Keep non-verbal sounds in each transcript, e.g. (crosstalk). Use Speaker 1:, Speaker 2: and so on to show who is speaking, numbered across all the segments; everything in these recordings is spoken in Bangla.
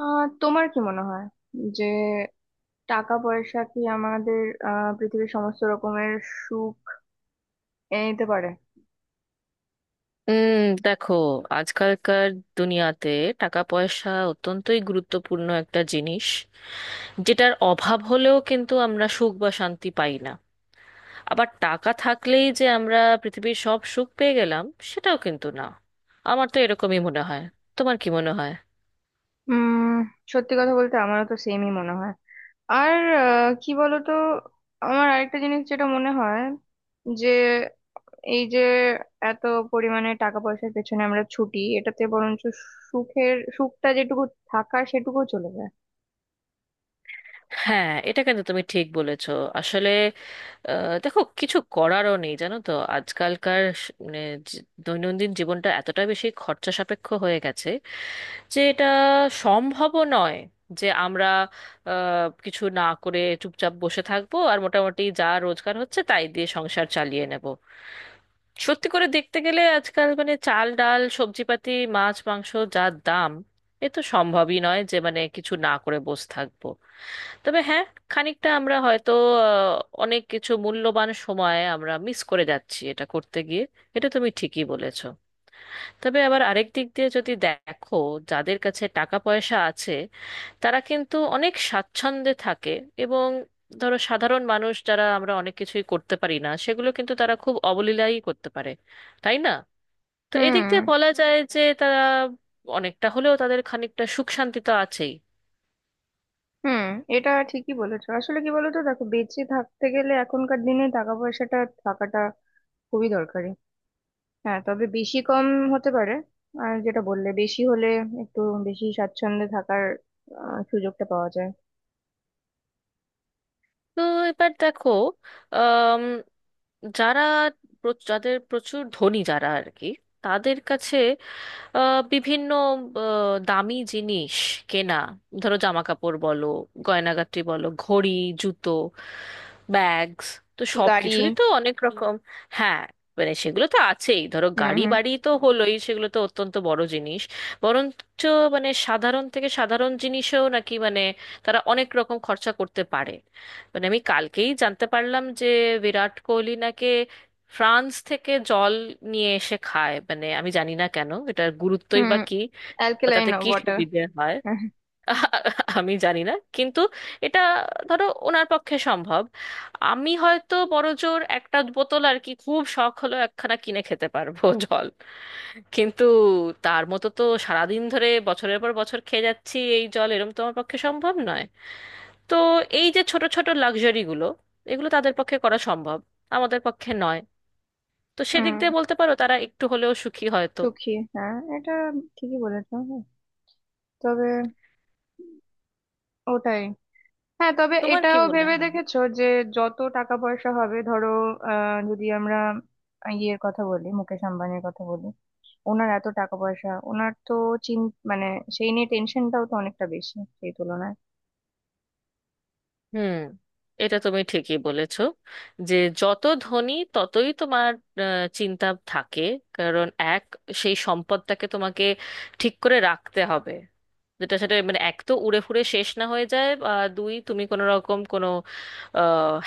Speaker 1: তোমার কি মনে হয় যে টাকা পয়সা কি আমাদের পৃথিবীর সমস্ত রকমের সুখ এনে দিতে পারে?
Speaker 2: উম দেখো, আজকালকার দুনিয়াতে টাকা পয়সা অত্যন্তই গুরুত্বপূর্ণ একটা জিনিস। যেটার অভাব হলেও কিন্তু আমরা সুখ বা শান্তি পাই না। আবার টাকা থাকলেই যে আমরা পৃথিবীর সব সুখ পেয়ে গেলাম, সেটাও কিন্তু না। আমার তো এরকমই মনে হয়, তোমার কি মনে হয়?
Speaker 1: উম, সত্যি কথা বলতে আমারও তো সেমই মনে হয়। আর কি বলতো, আমার আরেকটা জিনিস যেটা মনে হয় যে এই যে এত পরিমাণে টাকা পয়সার পেছনে আমরা ছুটি এটাতে বরঞ্চ সুখের সুখটা যেটুকু থাকার সেটুকু চলে যায়।
Speaker 2: হ্যাঁ, এটা কিন্তু তুমি ঠিক বলেছো। আসলে দেখো, কিছু করারও নেই, জানো তো আজকালকার মানে দৈনন্দিন জীবনটা এতটা বেশি খরচা সাপেক্ষ হয়ে গেছে যে এটা সম্ভবও নয় যে আমরা কিছু না করে চুপচাপ বসে থাকবো আর মোটামুটি যা রোজগার হচ্ছে তাই দিয়ে সংসার চালিয়ে নেব। সত্যি করে দেখতে গেলে আজকাল মানে চাল ডাল সবজিপাতি, মাছ মাংস যা দাম, এ তো সম্ভবই নয় যে মানে কিছু না করে বসে থাকবো। তবে হ্যাঁ, খানিকটা আমরা হয়তো অনেক কিছু মূল্যবান সময় আমরা মিস করে যাচ্ছি এটা করতে গিয়ে। এটা তুমি ঠিকই বলেছো। তবে আবার আরেক দিক দিয়ে যদি দেখো, যাদের কাছে টাকা পয়সা আছে, তারা কিন্তু অনেক স্বাচ্ছন্দ্যে থাকে। এবং ধরো, সাধারণ মানুষ যারা আমরা অনেক কিছুই করতে পারি না, সেগুলো কিন্তু তারা খুব অবলীলায় করতে পারে, তাই না? তো এদিক
Speaker 1: হুম,
Speaker 2: দিয়ে বলা যায় যে তারা অনেকটা হলেও তাদের খানিকটা সুখ শান্তি তো আছেই।
Speaker 1: হুম। এটা ঠিকই বলেছো, আসলে কি বলতো, দেখো বেঁচে থাকতে গেলে এখনকার দিনে টাকা পয়সাটা থাকাটা খুবই দরকারি। হ্যাঁ, তবে বেশি কম হতে পারে। আর যেটা বললে, বেশি হলে একটু বেশি স্বাচ্ছন্দ্যে থাকার সুযোগটা পাওয়া যায়।
Speaker 2: তো এবার দেখো, আম, যারা যাদের প্রচুর ধনী যারা আর কি, তাদের কাছে বিভিন্ন দামি জিনিস কেনা, ধরো জামা কাপড় বলো, গয়নাগাটি বলো, ঘড়ি, জুতো, ব্যাগস, তো সব
Speaker 1: গাড়ি।
Speaker 2: কিছুরই তো অনেক রকম। হ্যাঁ, মানে সেগুলো তো আছেই, ধরো
Speaker 1: হুম
Speaker 2: গাড়ি
Speaker 1: হুম
Speaker 2: বাড়ি তো হলোই, সেগুলো তো অত্যন্ত বড় জিনিস। বরঞ্চ মানে সাধারণ থেকে সাধারণ জিনিসেও নাকি মানে তারা অনেক রকম খরচা করতে পারে। মানে আমি কালকেই জানতে পারলাম যে বিরাট কোহলি নাকি ফ্রান্স থেকে জল নিয়ে এসে খায়, মানে আমি জানি না কেন, এটার গুরুত্বই
Speaker 1: হুম।
Speaker 2: বা কি বা
Speaker 1: অ্যালকেলাইন
Speaker 2: তাতে কি
Speaker 1: ওয়াটার।
Speaker 2: সুবিধে হয়। (laughs) আমি জানি না, কিন্তু এটা ধরো ওনার পক্ষে সম্ভব। আমি হয়তো বড়জোর একটা বোতল আর কি, খুব শখ হলো একখানা কিনে খেতে পারবো (laughs) জল, কিন্তু তার মতো তো সারাদিন ধরে বছরের পর বছর খেয়ে যাচ্ছি এই জল এরম তো আমার পক্ষে সম্ভব নয়। তো এই যে ছোট ছোট লাক্সারিগুলো, এগুলো তাদের পক্ষে করা সম্ভব, আমাদের পক্ষে নয়। তো সেদিক
Speaker 1: হুম,
Speaker 2: দিয়ে বলতে পারো তারা একটু হলেও সুখী হয়তো।
Speaker 1: সুখী, হ্যাঁ, এটা ঠিকই বলেছো। তবে ওটাই, হ্যাঁ, তবে
Speaker 2: তোমার কি
Speaker 1: এটাও
Speaker 2: মনে
Speaker 1: ভেবে
Speaker 2: হয়?
Speaker 1: দেখেছো যে যত টাকা পয়সা হবে? ধরো যদি আমরা ইয়ের কথা বলি, মুকেশ আম্বানির কথা বলি, ওনার এত টাকা পয়সা, ওনার তো চিন মানে সেই নিয়ে টেনশনটাও তো অনেকটা বেশি সেই তুলনায়।
Speaker 2: হুম, এটা তুমি ঠিকই বলেছো। যে যত ধনী, ততই তোমার চিন্তা থাকে। কারণ এক, সেই সম্পদটাকে তোমাকে ঠিক করে রাখতে হবে, যেটা সেটা মানে এক তো উড়ে ফুড়ে শেষ না হয়ে যায়, বা দুই, তুমি কোনো রকম কোনো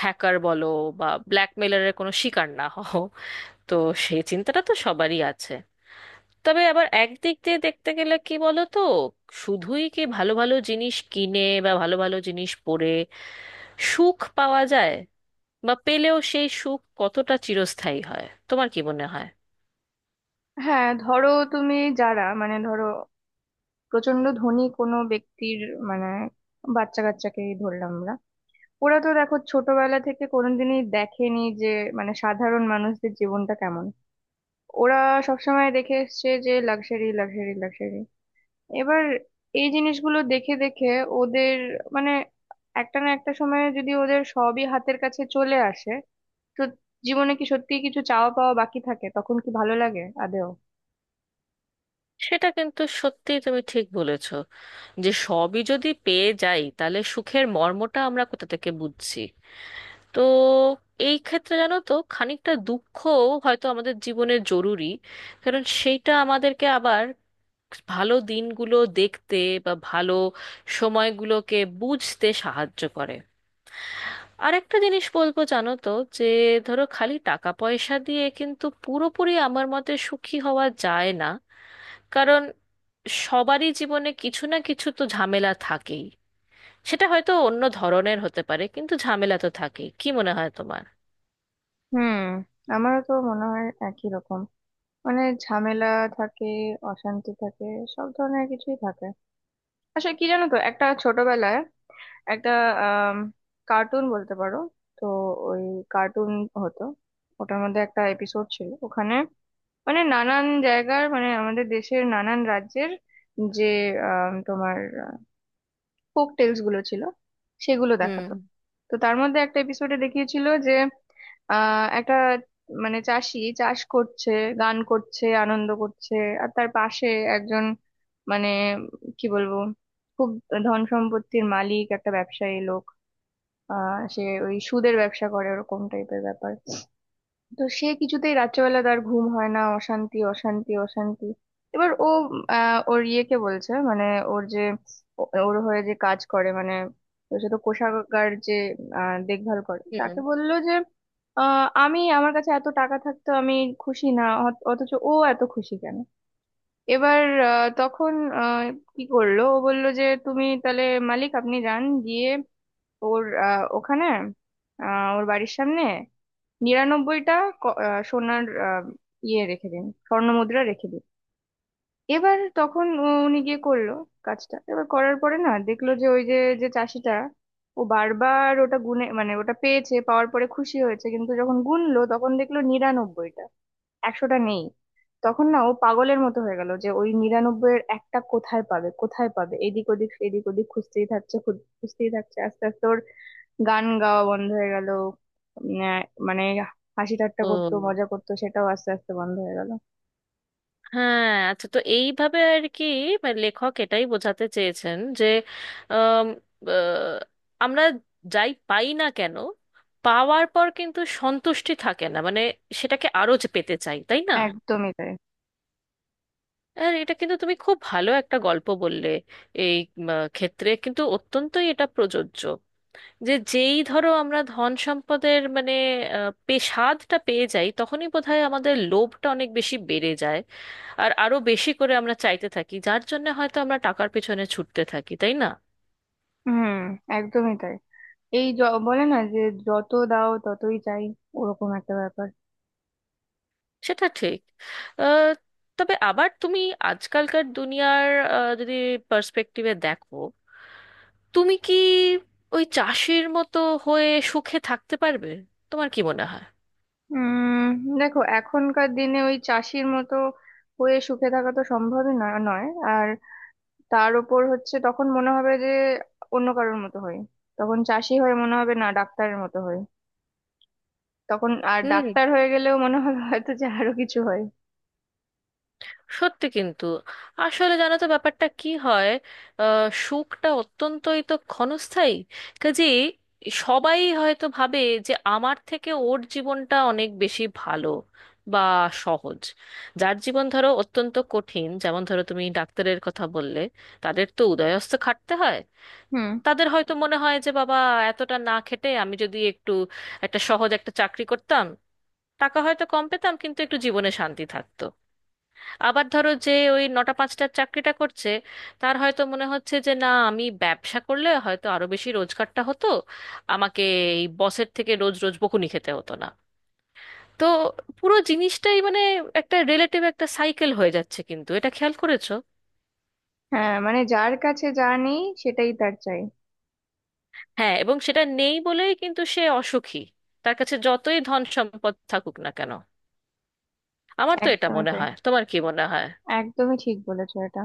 Speaker 2: হ্যাকার বলো, বা ব্ল্যাকমেলারের কোনো শিকার না হও। তো সেই চিন্তাটা তো সবারই আছে। তবে আবার একদিক দিয়ে দেখতে গেলে কি বলো তো, শুধুই কি ভালো ভালো জিনিস কিনে বা ভালো ভালো জিনিস পরে সুখ পাওয়া যায়, বা পেলেও সেই সুখ কতটা চিরস্থায়ী হয়, তোমার কি মনে হয়?
Speaker 1: হ্যাঁ ধরো, তুমি যারা, মানে ধরো প্রচন্ড ধনী কোনো ব্যক্তির, মানে বাচ্চা কাচ্চাকেই ধরলাম আমরা। ওরা তো দেখো ছোটবেলা থেকে কোনোদিনই দেখেনি যে মানে সাধারণ মানুষদের জীবনটা কেমন। ওরা সবসময় দেখে এসছে যে লাক্সারি, লাক্সারি, লাক্সারি। এবার এই জিনিসগুলো দেখে দেখে ওদের মানে একটা না একটা সময়ে যদি ওদের সবই হাতের কাছে চলে আসে, তো জীবনে কি সত্যিই কিছু চাওয়া পাওয়া বাকি থাকে? তখন কি ভালো লাগে আদেও?
Speaker 2: সেটা কিন্তু সত্যি তুমি ঠিক বলেছ, যে সবই যদি পেয়ে যাই তাহলে সুখের মর্মটা আমরা কোথা থেকে বুঝছি? তো এই ক্ষেত্রে জানো তো, খানিকটা দুঃখও হয়তো আমাদের জীবনে জরুরি, কারণ সেইটা আমাদেরকে আবার ভালো দিনগুলো দেখতে বা ভালো সময়গুলোকে বুঝতে সাহায্য করে। আরেকটা জিনিস বলবো, জানো তো, যে ধরো খালি টাকা পয়সা দিয়ে কিন্তু পুরোপুরি আমার মতে সুখী হওয়া যায় না। কারণ সবারই জীবনে কিছু না কিছু তো ঝামেলা থাকেই। সেটা হয়তো অন্য ধরনের হতে পারে, কিন্তু ঝামেলা তো থাকেই, কি মনে হয় তোমার?
Speaker 1: হুম, আমারও তো মনে হয় একই রকম। মানে ঝামেলা থাকে, অশান্তি থাকে, সব ধরনের কিছুই থাকে। আসলে কি জানো তো, একটা ছোটবেলায় একটা আহ কার্টুন বলতে পারো, তো ওই কার্টুন হতো, ওটার মধ্যে একটা এপিসোড ছিল। ওখানে মানে নানান জায়গার, মানে আমাদের দেশের নানান রাজ্যের যে তোমার ফোক টেলস গুলো ছিল, সেগুলো
Speaker 2: হুম,
Speaker 1: দেখাতো। তো তার মধ্যে একটা এপিসোডে দেখিয়েছিল যে একটা, মানে চাষি চাষ করছে, গান করছে, আনন্দ করছে। আর তার পাশে একজন, মানে কি বলবো, খুব ধন সম্পত্তির মালিক একটা ব্যবসায়ী লোক, আহ, সে ওই সুদের ব্যবসা করে, ওরকম টাইপের ব্যাপার। তো সে কিছুতেই রাত্রেবেলা তার ঘুম হয় না, অশান্তি, অশান্তি, অশান্তি। এবার ও ওর ইয়েকে বলছে, মানে ওর যে, ওর হয়ে যে কাজ করে, মানে তো সে তো কোষাগার যে দেখভাল করে, তাকে
Speaker 2: হুম।
Speaker 1: বললো যে আহ, আমি, আমার কাছে এত টাকা থাকতো, আমি খুশি না, অথচ ও এত খুশি কেন? এবার তখন আহ, কি করলো, ও বললো যে তুমি তাহলে মালিক, আপনি যান গিয়ে ওর ওখানে ওর বাড়ির সামনে 99টা সোনার ইয়ে রেখে দিন, স্বর্ণ মুদ্রা রেখে দিন। এবার তখন উনি গিয়ে করলো কাজটা। এবার করার পরে না দেখলো যে ওই যে, যে চাষিটা, ও বারবার ওটা গুনে মানে ওটা পেয়েছে, পাওয়ার পরে খুশি হয়েছে, কিন্তু যখন গুনলো তখন দেখলো 99টা, 100টা নেই। তখন না ও পাগলের মতো হয়ে গেল যে ওই 99-এর একটা কোথায় পাবে, কোথায় পাবে, এদিক ওদিক, এদিক ওদিক খুঁজতেই থাকছে, খুঁজতেই থাকছে। আস্তে আস্তে ওর গান গাওয়া বন্ধ হয়ে গেল। উম, আহ, মানে হাসি ঠাট্টা
Speaker 2: তো
Speaker 1: করতো, মজা করতো, সেটাও আস্তে আস্তে বন্ধ হয়ে গেল।
Speaker 2: হ্যাঁ, আচ্ছা, তো এইভাবে আর কি, মানে লেখক এটাই বোঝাতে চেয়েছেন যে আম, আহ, আমরা যাই পাই না কেন, পাওয়ার পর কিন্তু সন্তুষ্টি থাকে না, মানে সেটাকে আরো যে পেতে চাই, তাই না?
Speaker 1: একদমই তাই।
Speaker 2: আর এটা কিন্তু তুমি খুব ভালো একটা গল্প বললে। এই ক্ষেত্রে কিন্তু অত্যন্তই এটা প্রযোজ্য। যে যেই ধরো আমরা ধন সম্পদের মানে স্বাদটা পেয়ে যাই, তখনই বোধহয় আমাদের লোভটা অনেক বেশি বেড়ে যায়। আর আরো বেশি করে আমরা চাইতে থাকি, যার জন্য হয়তো আমরা টাকার পেছনে ছুটতে থাকি, তাই না?
Speaker 1: হুম, একদমই তাই। এই বলে না যে যত দাও ততই চাই, ওরকম একটা ব্যাপার।
Speaker 2: সেটা ঠিক। আহ, তবে আবার তুমি আজকালকার দুনিয়ার যদি পার্সপেক্টিভে দেখো, তুমি কি ওই চাষির মতো হয়ে সুখে থাকতে পারবে? তোমার কি মনে হয়?
Speaker 1: উম, দেখো এখনকার দিনে ওই চাষির মতো হয়ে সুখে থাকা তো সম্ভবই না, নয়। আর তার উপর হচ্ছে তখন মনে হবে যে অন্য কারোর মতো হয়। তখন চাষি হয়ে মনে হবে না ডাক্তারের মতো হয়, তখন আর
Speaker 2: হুম,
Speaker 1: ডাক্তার হয়ে গেলেও মনে হবে হয়তো যে আরো কিছু হয়।
Speaker 2: সত্যি কিন্তু। আসলে জানো তো, ব্যাপারটা কি হয়, সুখটা অত্যন্তই তো ক্ষণস্থায়ী। কাজে সবাই হয়তো ভাবে যে আমার থেকে ওর জীবনটা অনেক বেশি ভালো বা সহজ। যার জীবন ধরো অত্যন্ত কঠিন, যেমন ধরো তুমি ডাক্তারের কথা বললে, তাদের তো উদয়স্থ খাটতে হয়।
Speaker 1: হুম।
Speaker 2: তাদের হয়তো মনে হয় যে বাবা, এতটা না খেটে আমি যদি একটু একটা সহজ একটা চাকরি করতাম, টাকা হয়তো কম পেতাম কিন্তু একটু জীবনে শান্তি থাকতো। আবার ধরো, যে ওই 9টা-5টার চাকরিটা করছে, তার হয়তো মনে হচ্ছে যে না, আমি ব্যবসা করলে হয়তো আরো বেশি রোজগারটা হতো, আমাকে এই বসের থেকে রোজ রোজ বকুনি খেতে হতো না। তো পুরো জিনিসটাই মানে একটা রিলেটিভ একটা সাইকেল হয়ে যাচ্ছে, কিন্তু এটা খেয়াল করেছো?
Speaker 1: হ্যাঁ, মানে যার কাছে যা নেই সেটাই তার চাই।
Speaker 2: হ্যাঁ, এবং সেটা নেই বলেই কিন্তু সে অসুখী, তার কাছে যতই ধন সম্পদ থাকুক না কেন। আমার তো এটা
Speaker 1: একদমই
Speaker 2: মনে
Speaker 1: তাই,
Speaker 2: হয়, তোমার কি মনে হয়?
Speaker 1: একদমই ঠিক বলেছো এটা।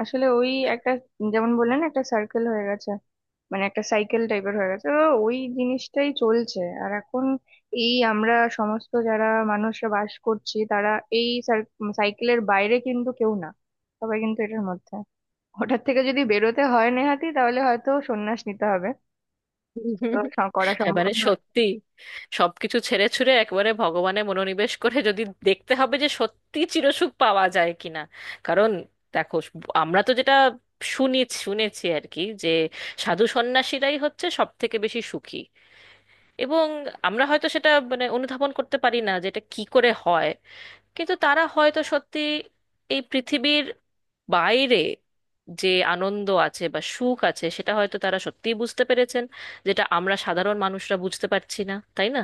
Speaker 1: আসলে ওই একটা, যেমন বললেন না, একটা সার্কেল হয়ে গেছে, মানে একটা সাইকেল টাইপের হয়ে গেছে। তো ওই জিনিসটাই চলছে আর এখন এই আমরা সমস্ত যারা মানুষরা বাস করছি তারা এই সাইকেলের বাইরে কিন্তু কেউ না, সবাই কিন্তু এটার মধ্যে। ওটার থেকে যদি বেরোতে হয় নেহাতি তাহলে হয়তো সন্ন্যাস নিতে হবে। তো
Speaker 2: (laughs)
Speaker 1: করা
Speaker 2: এবারে
Speaker 1: সম্ভব নয়।
Speaker 2: সত্যি, সবকিছু ছেড়ে ছুড়ে একবারে ভগবানে মনোনিবেশ করে যদি দেখতে হবে যে সত্যি চিরসুখ পাওয়া যায় কিনা। কারণ দেখো, আমরা তো যেটা শুনি, শুনেছি আর কি, যে সাধু সন্ন্যাসীরাই হচ্ছে সব থেকে বেশি সুখী। এবং আমরা হয়তো সেটা মানে অনুধাবন করতে পারি না যে এটা কি করে হয়। কিন্তু তারা হয়তো সত্যি এই পৃথিবীর বাইরে যে আনন্দ আছে বা সুখ আছে, সেটা হয়তো তারা সত্যিই বুঝতে পেরেছেন, যেটা আমরা সাধারণ মানুষরা বুঝতে পারছি না, তাই না?